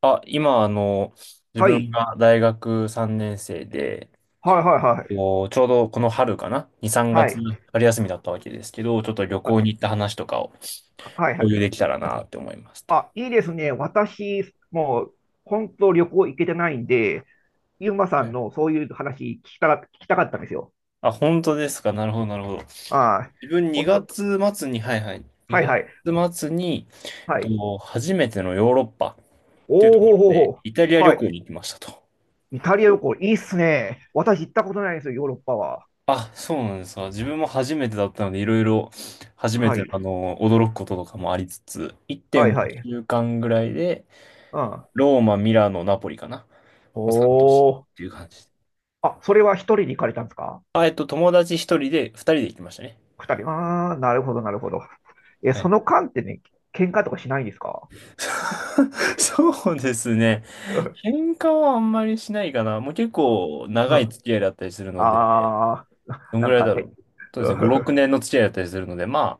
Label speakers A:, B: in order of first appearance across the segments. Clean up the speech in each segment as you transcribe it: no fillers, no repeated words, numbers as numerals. A: あ、今、あの、自
B: は
A: 分
B: い。
A: が大学3年生で、
B: はいはいはい。
A: ちょうどこの春かな？ 2、3
B: は
A: 月
B: い。
A: 春休みだったわけですけど、ちょっと旅行に行った話とかを
B: ははいは
A: 共有
B: い。
A: できたらなって思いますと。
B: あ、いいですね。私、もう、本当旅行行けてないんで、ゆうまさ
A: は
B: ん
A: い、
B: のそういう話聞きたかったんですよ。
A: あ、本当ですか。なるほど、なるほど。
B: ああ、
A: 自分
B: 本
A: 2
B: 当。
A: 月末に、はいはい、
B: はい
A: 2
B: はい。
A: 月末に、
B: はい。
A: 初めてのヨーロッパっていう
B: おお
A: とこ
B: ほーほー
A: ろで、
B: ほ
A: イタリア
B: ー。
A: 旅
B: は
A: 行
B: い。
A: に行きましたと。
B: イタリア旅行、いいっすね。私行ったことないんですよ、ヨーロッパは。
A: あ、そうなんですか。自分も初めてだったので、いろいろ初め
B: は
A: ての、
B: い。
A: 驚くこととかもありつつ、1
B: はい
A: 9
B: はい。
A: 週間ぐらいで、
B: うん。
A: ローマ、ミラノ、ナポリかな、
B: お
A: の3都市
B: お。
A: っていう感じで。
B: あ、それは一人に行かれたんですか？
A: 友達1人で、2人で行きましたね。
B: 二人。ああ、なるほど、なるほど。え、
A: は
B: そ
A: い。
B: の間ってね、喧嘩とかしないんですか？
A: そうですね。
B: うん。
A: 喧嘩はあんまりしないかな。もう結構
B: う
A: 長い
B: ん。
A: 付き合いだったりするので、
B: あー、
A: どん
B: な
A: ぐ
B: ん
A: らい
B: か
A: だろ
B: ね。
A: う。そうです
B: う
A: ね、
B: ん。
A: 5、6年の付き合いだったりするので、まあ。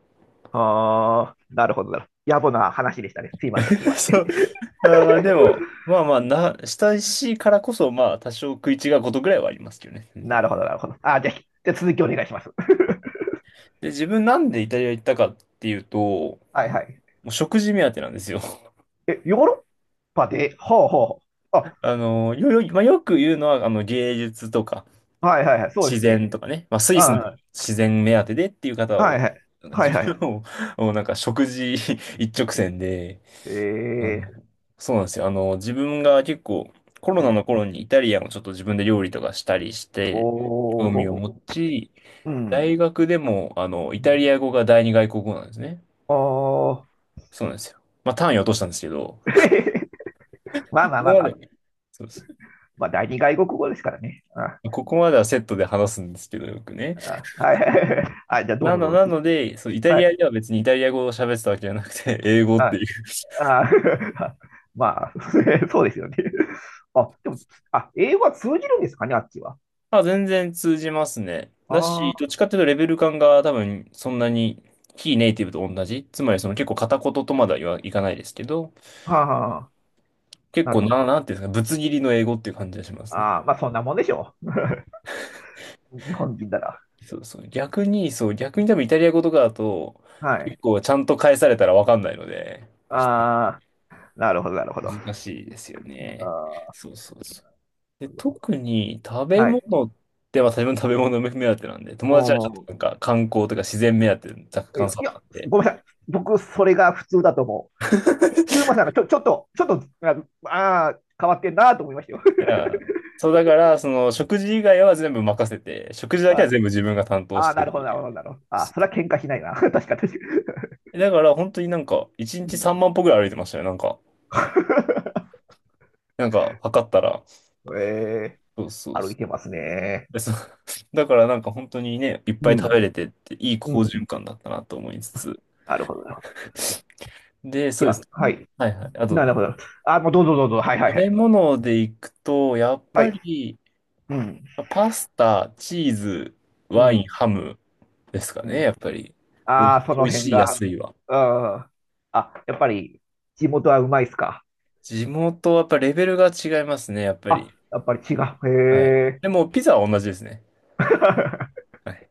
B: あー、なるほど、なるほど。野暮な話でしたね。すいません、すいま
A: そ
B: せ
A: う。まあーまあでも、まあまあな、親しいからこそ、まあ多少食い違うことぐらいはありますけどね、全
B: ん。な
A: 然。
B: るほど、なるほど。あー、じゃあ、じゃあ続きお願いします。
A: で、自分なんでイタリア行ったかっていうと、も
B: はいはい。
A: う食事目当てなんですよ。
B: え、ヨーロッパで、ほうほうほう。あ、
A: あの、よ、よ、まあ、よく言うのは、芸術とか、
B: はいはいはい、そうで
A: 自
B: すね。
A: 然とかね、まあスイスの
B: あ
A: 自然目当てでっていう方は
B: ー
A: 多
B: はい
A: い。
B: はい。はい
A: 自
B: は
A: 分は
B: い。
A: もう、もうなんか食事 一直線で、
B: え
A: あ
B: ー、
A: の、そうなんですよ。あの、自分が結構コロ
B: う
A: ナ
B: ん、
A: の頃にイタリアンをちょっと自分で料理とかしたりして、
B: お
A: 興
B: ー、ほう
A: 味を
B: ほ
A: 持ち、
B: う。うん。
A: 大学でも、イ
B: う
A: タ
B: ん。
A: リア語が第二外国語なんですね。
B: おー。
A: そうなんですよ。まあ、単位は落としたんですけど、
B: まあ
A: こ
B: まあま
A: こ
B: あ
A: ま
B: まあ。
A: で、そうです、
B: まあ、第二外国語ですからね。あ、
A: ここまではセットで話すんですけど、よくね。
B: あ、はいはいはい。あ、じゃあどうぞどう
A: な
B: ぞ。
A: ので、そう、イタ
B: は
A: リア
B: い。
A: では別にイタリア語を喋ってたわけじゃなくて、英語っ
B: は
A: て
B: い。
A: いう。
B: あー。 まあ、そうですよね。あ、でも、あ、英語は通じるんですかね、あっちは。
A: あ、全然通じますね。
B: あ
A: だ
B: あ、
A: し、ど
B: は
A: っちかっていうとレベル感が多分そんなに非ネイティブと同じ。つまりその結構片言とまだは言わいかないですけど、
B: あはあ、
A: 結
B: なる
A: 構
B: ほ
A: な、
B: ど。
A: なんていうんですか、ぶつ切りの英語っていう感じがしますね。
B: ああ、まあそんなもんでしょう。日本人なら。
A: そうそう。逆に、そう、逆に多分イタリア語とかだと、
B: は
A: 結
B: い。
A: 構ちゃんと返されたらわかんないので、
B: ああ、なるほど、なるほど。あ
A: 難しいですよね。
B: あ、
A: そうそうそう。で、
B: なるほど。
A: 特に食べ
B: はい。
A: 物って、まあ自分食べ物目当てなんで、
B: お
A: 友達はちょっ
B: ー。
A: となんか観光とか自然目当て、若
B: い
A: 干
B: や、
A: さ
B: い
A: っ
B: や、
A: たんで。
B: ごめんなさい。僕、それが普通だと思う。ゆゆうま さんがちょっと、ちょっと、ああー、変わってんなと思いましたよ。
A: いや、そうだから、その食事以外は全部任せて、食事 だけ
B: は
A: は
B: い。
A: 全部自分が担当
B: あ
A: し
B: あ、
A: て
B: なるほど、なるほ
A: る。
B: ど、なるほど。ああ、それは喧嘩しないな。確か、確か。
A: だから本当になんか、1
B: う
A: 日
B: ん。
A: 3万歩ぐらい歩いてましたよ、なんか。なんか、測ったら、
B: え
A: そうそう
B: ー、歩
A: そ
B: いて
A: う。
B: ますね。
A: でそう だからなんか本当にね、いっぱ
B: う
A: い食べ
B: ん。
A: れてって、いい
B: う
A: 好
B: ん。
A: 循環だったなと思いつつ。
B: なるほど、なるほど。
A: で、
B: い
A: そうです
B: や、は
A: ね。
B: い。
A: はいはい。あ
B: なる
A: と、
B: ほど。あ、もうどうぞどうぞ。はいはい
A: 食
B: はい。
A: べ物でいくと、やっ
B: は
A: ぱ
B: い。
A: り、
B: うん。
A: パスタ、チーズ、
B: う
A: ワイン、
B: ん。
A: ハムですか
B: う
A: ね、
B: ん。
A: やっぱり。お
B: あ
A: い、
B: あ、そ
A: お
B: の
A: い
B: 辺
A: しい、
B: が。
A: 安いは。
B: うん。あ、やっぱり、地元はうまいっすか。
A: 地元はやっぱレベルが違いますね、やっぱ
B: あ、
A: り。
B: やっぱり違う。
A: はい。
B: へえ。
A: でも、ピザは同じですね。はい。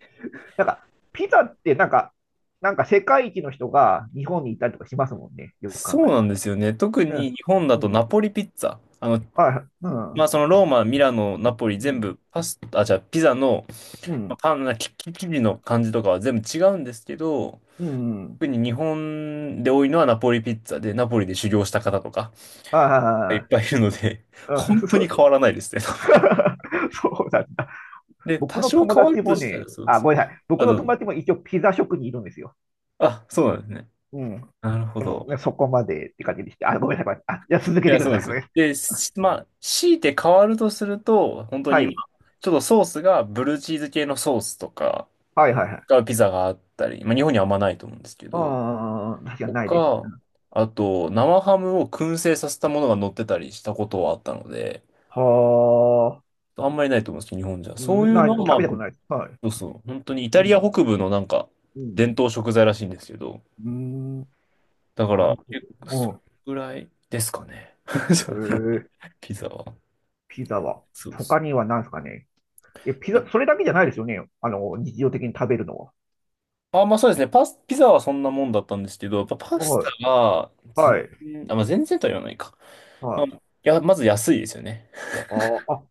B: なんか、ピザってなんか、なんか世界一の人が日本にいたりとかしますもんね。よく考
A: そう
B: えた
A: なん
B: ら。
A: ですよね。特
B: う
A: に
B: ん。
A: 日本だ
B: う
A: と
B: ん。
A: ナポリピッツァ。
B: はい。う
A: まあ、
B: ん。
A: そのローマ、ミラノ、ナポリ
B: う
A: 全
B: ん。
A: 部パスタ、あ、じゃあピザの、
B: う
A: まあ、パンな、き生地の感じとかは全部違うんですけど、
B: ん。うん。
A: 特に日本で多いのはナポリピッツァで、ナポリで修行した方とか
B: あ
A: いっ
B: あ。
A: ぱいいるので、
B: う
A: 本
B: ん。
A: 当
B: そ
A: に
B: う、
A: 変わらないですね。
B: そうなんだ。
A: で、
B: 僕
A: 多
B: の
A: 少
B: 友
A: 変わる
B: 達
A: と
B: も
A: した
B: ね、
A: ら、そう
B: あ、
A: そ
B: ご
A: う。
B: めんなさい。僕
A: あ
B: の
A: と、
B: 友達も一応ピザ職にいるんですよ。
A: あ、そうなんですね。
B: うん。
A: なるほ
B: でも、ね、
A: ど。
B: そこまでって感じでして。あ、ごめんなさい。ごめんなさい。あ、じゃあ続
A: い
B: けて
A: や、
B: くだ
A: そう
B: さ
A: で
B: い。
A: すよ。で、しまあ、強いて変わるとすると、本当
B: は
A: に、ま
B: い。
A: あ、ちょっとソースがブルーチーズ系のソースとか
B: はいはいはい。
A: がピザがあったり、まあ、日本にはあんまないと思うんですけど、
B: ああ、確かに
A: と
B: ないです。
A: か、あと、生ハムを燻製させたものが乗ってたりしたことはあったので、
B: はあ、
A: あんまりないと思うんですけど、日本じゃ。
B: う
A: そう
B: ん、
A: いう
B: ない、
A: の
B: 食
A: は、
B: べた
A: まあ、
B: ことないです。はい。
A: そうそう、本当にイタ
B: う
A: リア
B: ん。
A: 北部のなんか、
B: う
A: 伝
B: ん。
A: 統食材らしいんですけど、
B: うん。
A: だか
B: なる
A: ら、
B: ほ
A: 結構それ
B: ど。
A: ぐらいですかね。
B: うん。ええ。
A: ピザは。
B: ピザは。
A: そうそ
B: 他に
A: う。
B: は何ですかね。え、ピザ、それだけじゃないですよね。あの、日常的に食べるのは。
A: あ、まあそうですね。パス、ピザはそんなもんだったんですけど、やっぱパスタ
B: は
A: が
B: い。
A: 全
B: はい。
A: 然、あ、まあ全然とは言わないか。
B: は
A: まあ、い
B: い。
A: や、まず安いですよね。
B: あーあ、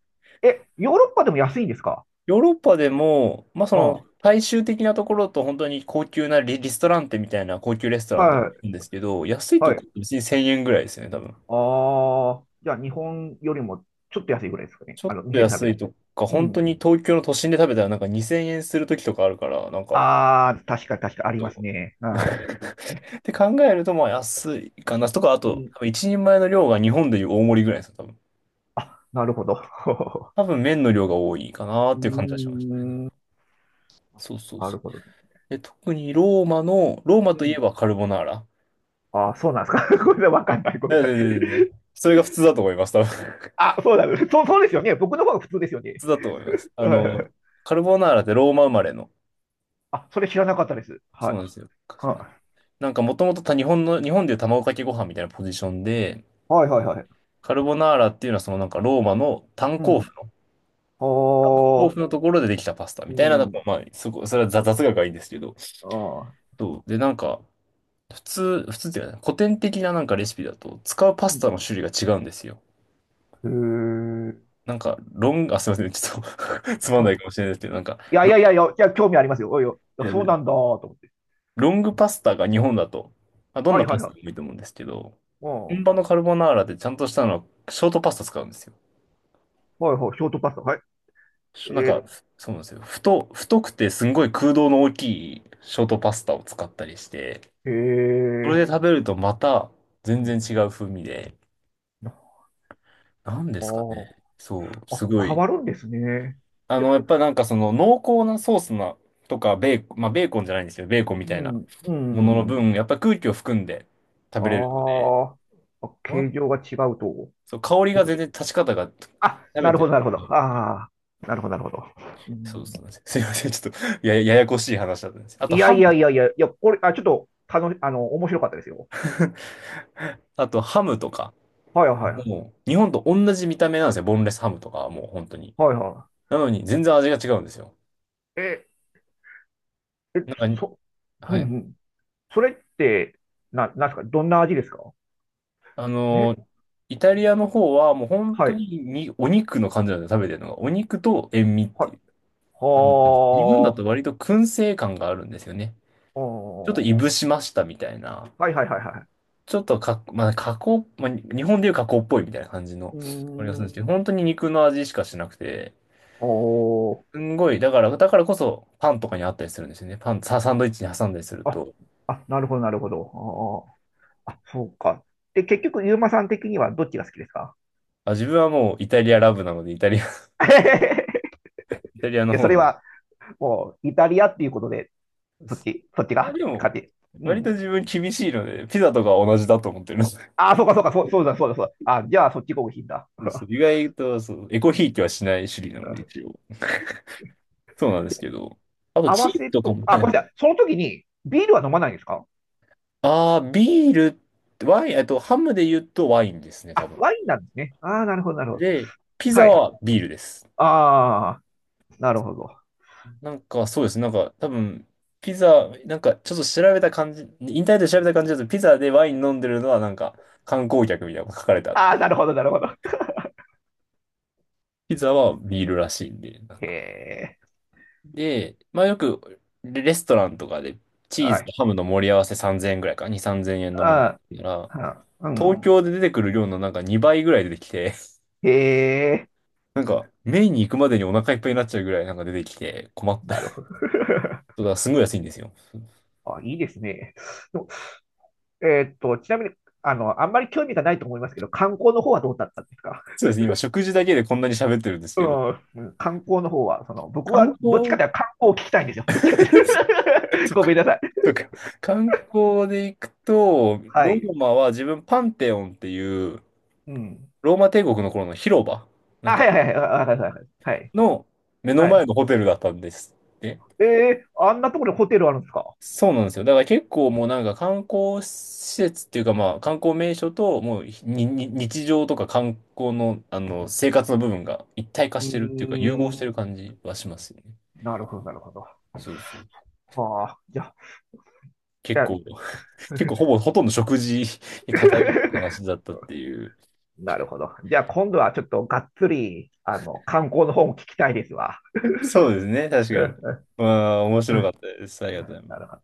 B: え、ヨーロッパでも安いんですか？
A: ヨーロッパでも、まあそ
B: あ
A: の、
B: あ、
A: 大衆的なところと本当に高級なリストランテみたいな高級レストランな
B: はい、
A: んですけど、安い
B: は
A: とこ
B: い。
A: っ別に1000円ぐらいですよね、多分。
B: ああ、じゃあ日本よりもちょっと安いぐらいですかね。
A: ちょ
B: あ
A: っ
B: の、
A: と
B: 店で食
A: 安
B: べ
A: い
B: る。
A: とか、
B: う
A: 本当
B: ん。
A: に東京の都心で食べたらなんか2000円するときとかあるから、なんか、
B: ああ、確かに確かにあります
A: そ
B: ね。
A: う
B: は い。
A: って考えると、まあ安いかなとか、あ
B: う
A: と、
B: ん、
A: 多分一人前の量が日本でいう大盛りぐらいですよ、多分。
B: なるほど。
A: 多 分麺の量が多いかなっ
B: うー
A: ていう感じはしましたね。
B: ん、な
A: そうそうそ
B: る
A: う。
B: ほどね。
A: で、特にローマの、ローマ
B: う
A: といえ
B: ん。
A: ばカルボナーラ。
B: ああ、そうなんですか。ごめんなさい、わかんない。ごめん
A: え、
B: なさ
A: で、
B: い。
A: で、で、で、それが普通だと思います、多分。普
B: あ、そうなんです。そう、そうですよね。僕の方が普通ですよね。
A: 通だと思います。あ
B: は
A: の、
B: い。
A: カルボナーラってローマ生まれの。
B: あ、それ知らなかったです。
A: そ
B: は
A: う
B: い。
A: なんですよ。そうなんで
B: は
A: す、なんかもともと日本の、日本でいう卵かけご飯みたいなポジションで、
B: い、はい、はいはい。
A: カルボナーラっていうのはそのなんかローマの炭
B: う
A: 鉱夫
B: ん。
A: の、鉱
B: ああ、
A: 夫のところでできたパスタ
B: う
A: みたいな、ま
B: ん。
A: あ、そこ、それは雑雑学がいいんですけど、
B: ああ。
A: そう。で、なんか、普通っていうかね、古典的ななんかレシピだと、使うパス
B: う
A: タの種類が違うんですよ。
B: ん。へえ。
A: なんか、ロング、あ、すいません、ちょっと つまんな
B: あ。
A: いかもしれないですけど、なんか、
B: いやい
A: ロン、
B: やいやいや、いや興味ありますよ。おいよ。い
A: い
B: や
A: や
B: そうなんだ、と思って。
A: ロングパスタが日本だと、まあ、どん
B: は
A: な
B: い
A: パ
B: はい
A: ス
B: は
A: タでも
B: い。
A: いいと思うんですけど、
B: うん。
A: 本
B: は
A: 場のカルボナーラでちゃんとしたのは、ショートパスタ使うんですよ。
B: いはい、ショートパスタ。はい。
A: しなん
B: え
A: か、
B: ー、
A: そうなんですよ。太くてすんごい空洞の大きいショートパスタを使ったりして、そ
B: え
A: れで
B: え。
A: 食べるとまた
B: う
A: 全然
B: ん。
A: 違う風味で、なんで
B: あ
A: すかね。そう、
B: あ。
A: すご
B: あ、変
A: い。
B: わるんですね。
A: あの、やっぱなんかその濃厚なソースなとかベーコン、まあベーコンじゃないんですよ。ベーコンみ
B: う
A: たいな
B: ん、う
A: ものの
B: ん。
A: 分、やっぱ空気を含んで食
B: あ
A: べれるので、
B: あ。あ、
A: な
B: 形
A: ん
B: 状が違うと。
A: そう、香り
B: いう
A: が
B: こと。
A: 全然立ち方が
B: あ、
A: 食べ
B: なる
A: て
B: ほ
A: る
B: ど、なるほど。
A: い、
B: ああ。なるほど、なるほど。う
A: そうで
B: ん。
A: すね。すいません。ちょっとややこしい話だったんです。あと
B: いや
A: ハム
B: い
A: と
B: やい
A: か。
B: やいや、いや、これ、あ、ちょっと、楽し、あの、面白かったですよ。
A: あとハムとか。
B: はいはい。
A: もう日本と同じ見た目なんですよ。ボンレスハムとかはもう本当に。
B: はいは
A: なのに全然味が違うんですよ。
B: い。ええ、
A: なん
B: そ、
A: か、
B: うん
A: は
B: う
A: い。
B: ん。それって、なんですかどんな味ですか？
A: あ
B: え、
A: の、イタリアの方はもう本
B: は
A: 当
B: い。
A: ににお肉の感じなんですよね、食べてるのが。お肉と塩味っ
B: は
A: て
B: い。
A: いう。なので日本だ
B: は
A: と
B: あ。
A: 割と燻製感があるんですよね。
B: う
A: ちょっとい
B: ん。
A: ぶしましたみたいな。
B: はいはいはいはい。
A: ちょっとか、まあ、加工、まあ、日本でいう加工っぽいみたいな感じの、
B: う
A: あれがす
B: ー
A: るん
B: ん。
A: ですけど、本当に肉の味しかしなくて、
B: お
A: す
B: ー。
A: んごい、だから、だからこそパンとかにあったりするんですよね。パン、ササンドイッチに挟んだりする
B: あ、
A: と。
B: あ、なるほどなるほど。あー、あ、そうか。で、結局、ユーマさん的にはどっちが好きですか？
A: あ、自分はもうイタリアラブなので、イタリア、イタリア
B: い
A: の
B: や、そ
A: 方
B: れ
A: なん
B: は、もう、イタリアっていうことで、
A: で
B: そっ
A: す。
B: ち、そっち
A: あ、
B: が
A: でも、
B: 勝ち。う
A: 割
B: ん。
A: と自分厳しいので、ピザとかは同じだと思ってるんです。
B: ああ、そうかそうか、そう、そうだそうだそうだ。あ、じゃあ、そっちが美味しいんだ。
A: そうそ う意外と、そう、エコ
B: う
A: ひい
B: ん。
A: きはしない種類なので、一応。そうなんですけど。あと、
B: 合
A: チ
B: わ
A: ーズ
B: せ
A: とか
B: と、
A: も、
B: あ、
A: は
B: ごめん
A: い。
B: なさい。その時にビールは飲まないんですか？
A: あー、ビール、ワイン、えっと、ハムで言うとワインですね、多
B: あ、
A: 分。
B: ワインなんですね。ああ、なるほど、なるほど。
A: で、ピ
B: は
A: ザ
B: い。
A: はビールです。
B: ああ、なるほど。
A: なんか、そうですね。なんか、多分、ピザ、なんか、ちょっと調べた感じ、インターネットで調べた感じだと、ピザでワイン飲んでるのは、なんか、観光客みたいなのが書かれた。
B: ああ、なるほど、なるほど。
A: ピザはビールらしいんで。なん
B: へ
A: か
B: え。
A: で、まあよくレストランとかでチー
B: は
A: ズ
B: い。
A: とハムの盛り合わせ3000円ぐらいか、2、3 0円のもの
B: あ
A: なら、
B: あ、う
A: 東
B: ん。
A: 京で出てくる量のなんか2倍ぐらい出てきて、
B: へえ。
A: なんかメインに行くまでにお腹いっぱいになっちゃうぐらいなんか出てきて困った。
B: なる
A: そ
B: ほど。
A: うだからすごい安いんですよ。
B: あ、いいですね。の。ちなみに、あの、あんまり興味がないと思いますけど、観光の方はどうだったんですか？
A: そうですね、今食事だけでこんなに喋ってるんです
B: う
A: けど、
B: ん、うん。観光の方は、その、僕
A: 観
B: はどっち
A: 光、
B: かというと観光を聞きたいんですよ。どっちかという
A: そっ
B: と。ごめ
A: か、
B: んなさい。
A: そっか、観光で行くと、
B: は
A: ロ
B: い。
A: ーマは自分パンテオンっていう
B: うん。
A: ローマ帝国の頃の広場、な
B: あ、
A: ん
B: は
A: か
B: いはいはい、あ、はいはい。は
A: の目の
B: いは
A: 前
B: い。
A: のホテルだったんですって。
B: ええー、あんなところにホテルあるんですか？
A: そうなんですよ。だから結構もうなんか観光施設っていうかまあ観光名所ともうにに日常とか観光のあの生活の部分が一体化
B: う
A: してるっていうか融合
B: ー
A: して
B: ん。
A: る感じはしますよね。
B: なるほど、なるほど。
A: そうそう。
B: はあ、じゃあ、じ
A: 結
B: ゃあ。
A: 構、結構ほぼほとんど食事に偏った話 だったっていう。
B: なるほど。じゃあ今度はちょっとがっつり、あの、観光の方も聞きたいですわ。
A: そうですね。確
B: う
A: かに。
B: ん。
A: まあ面
B: う
A: 白かっ
B: ん。
A: たです。ありがとうご ざいま
B: なるほ
A: す。
B: ど。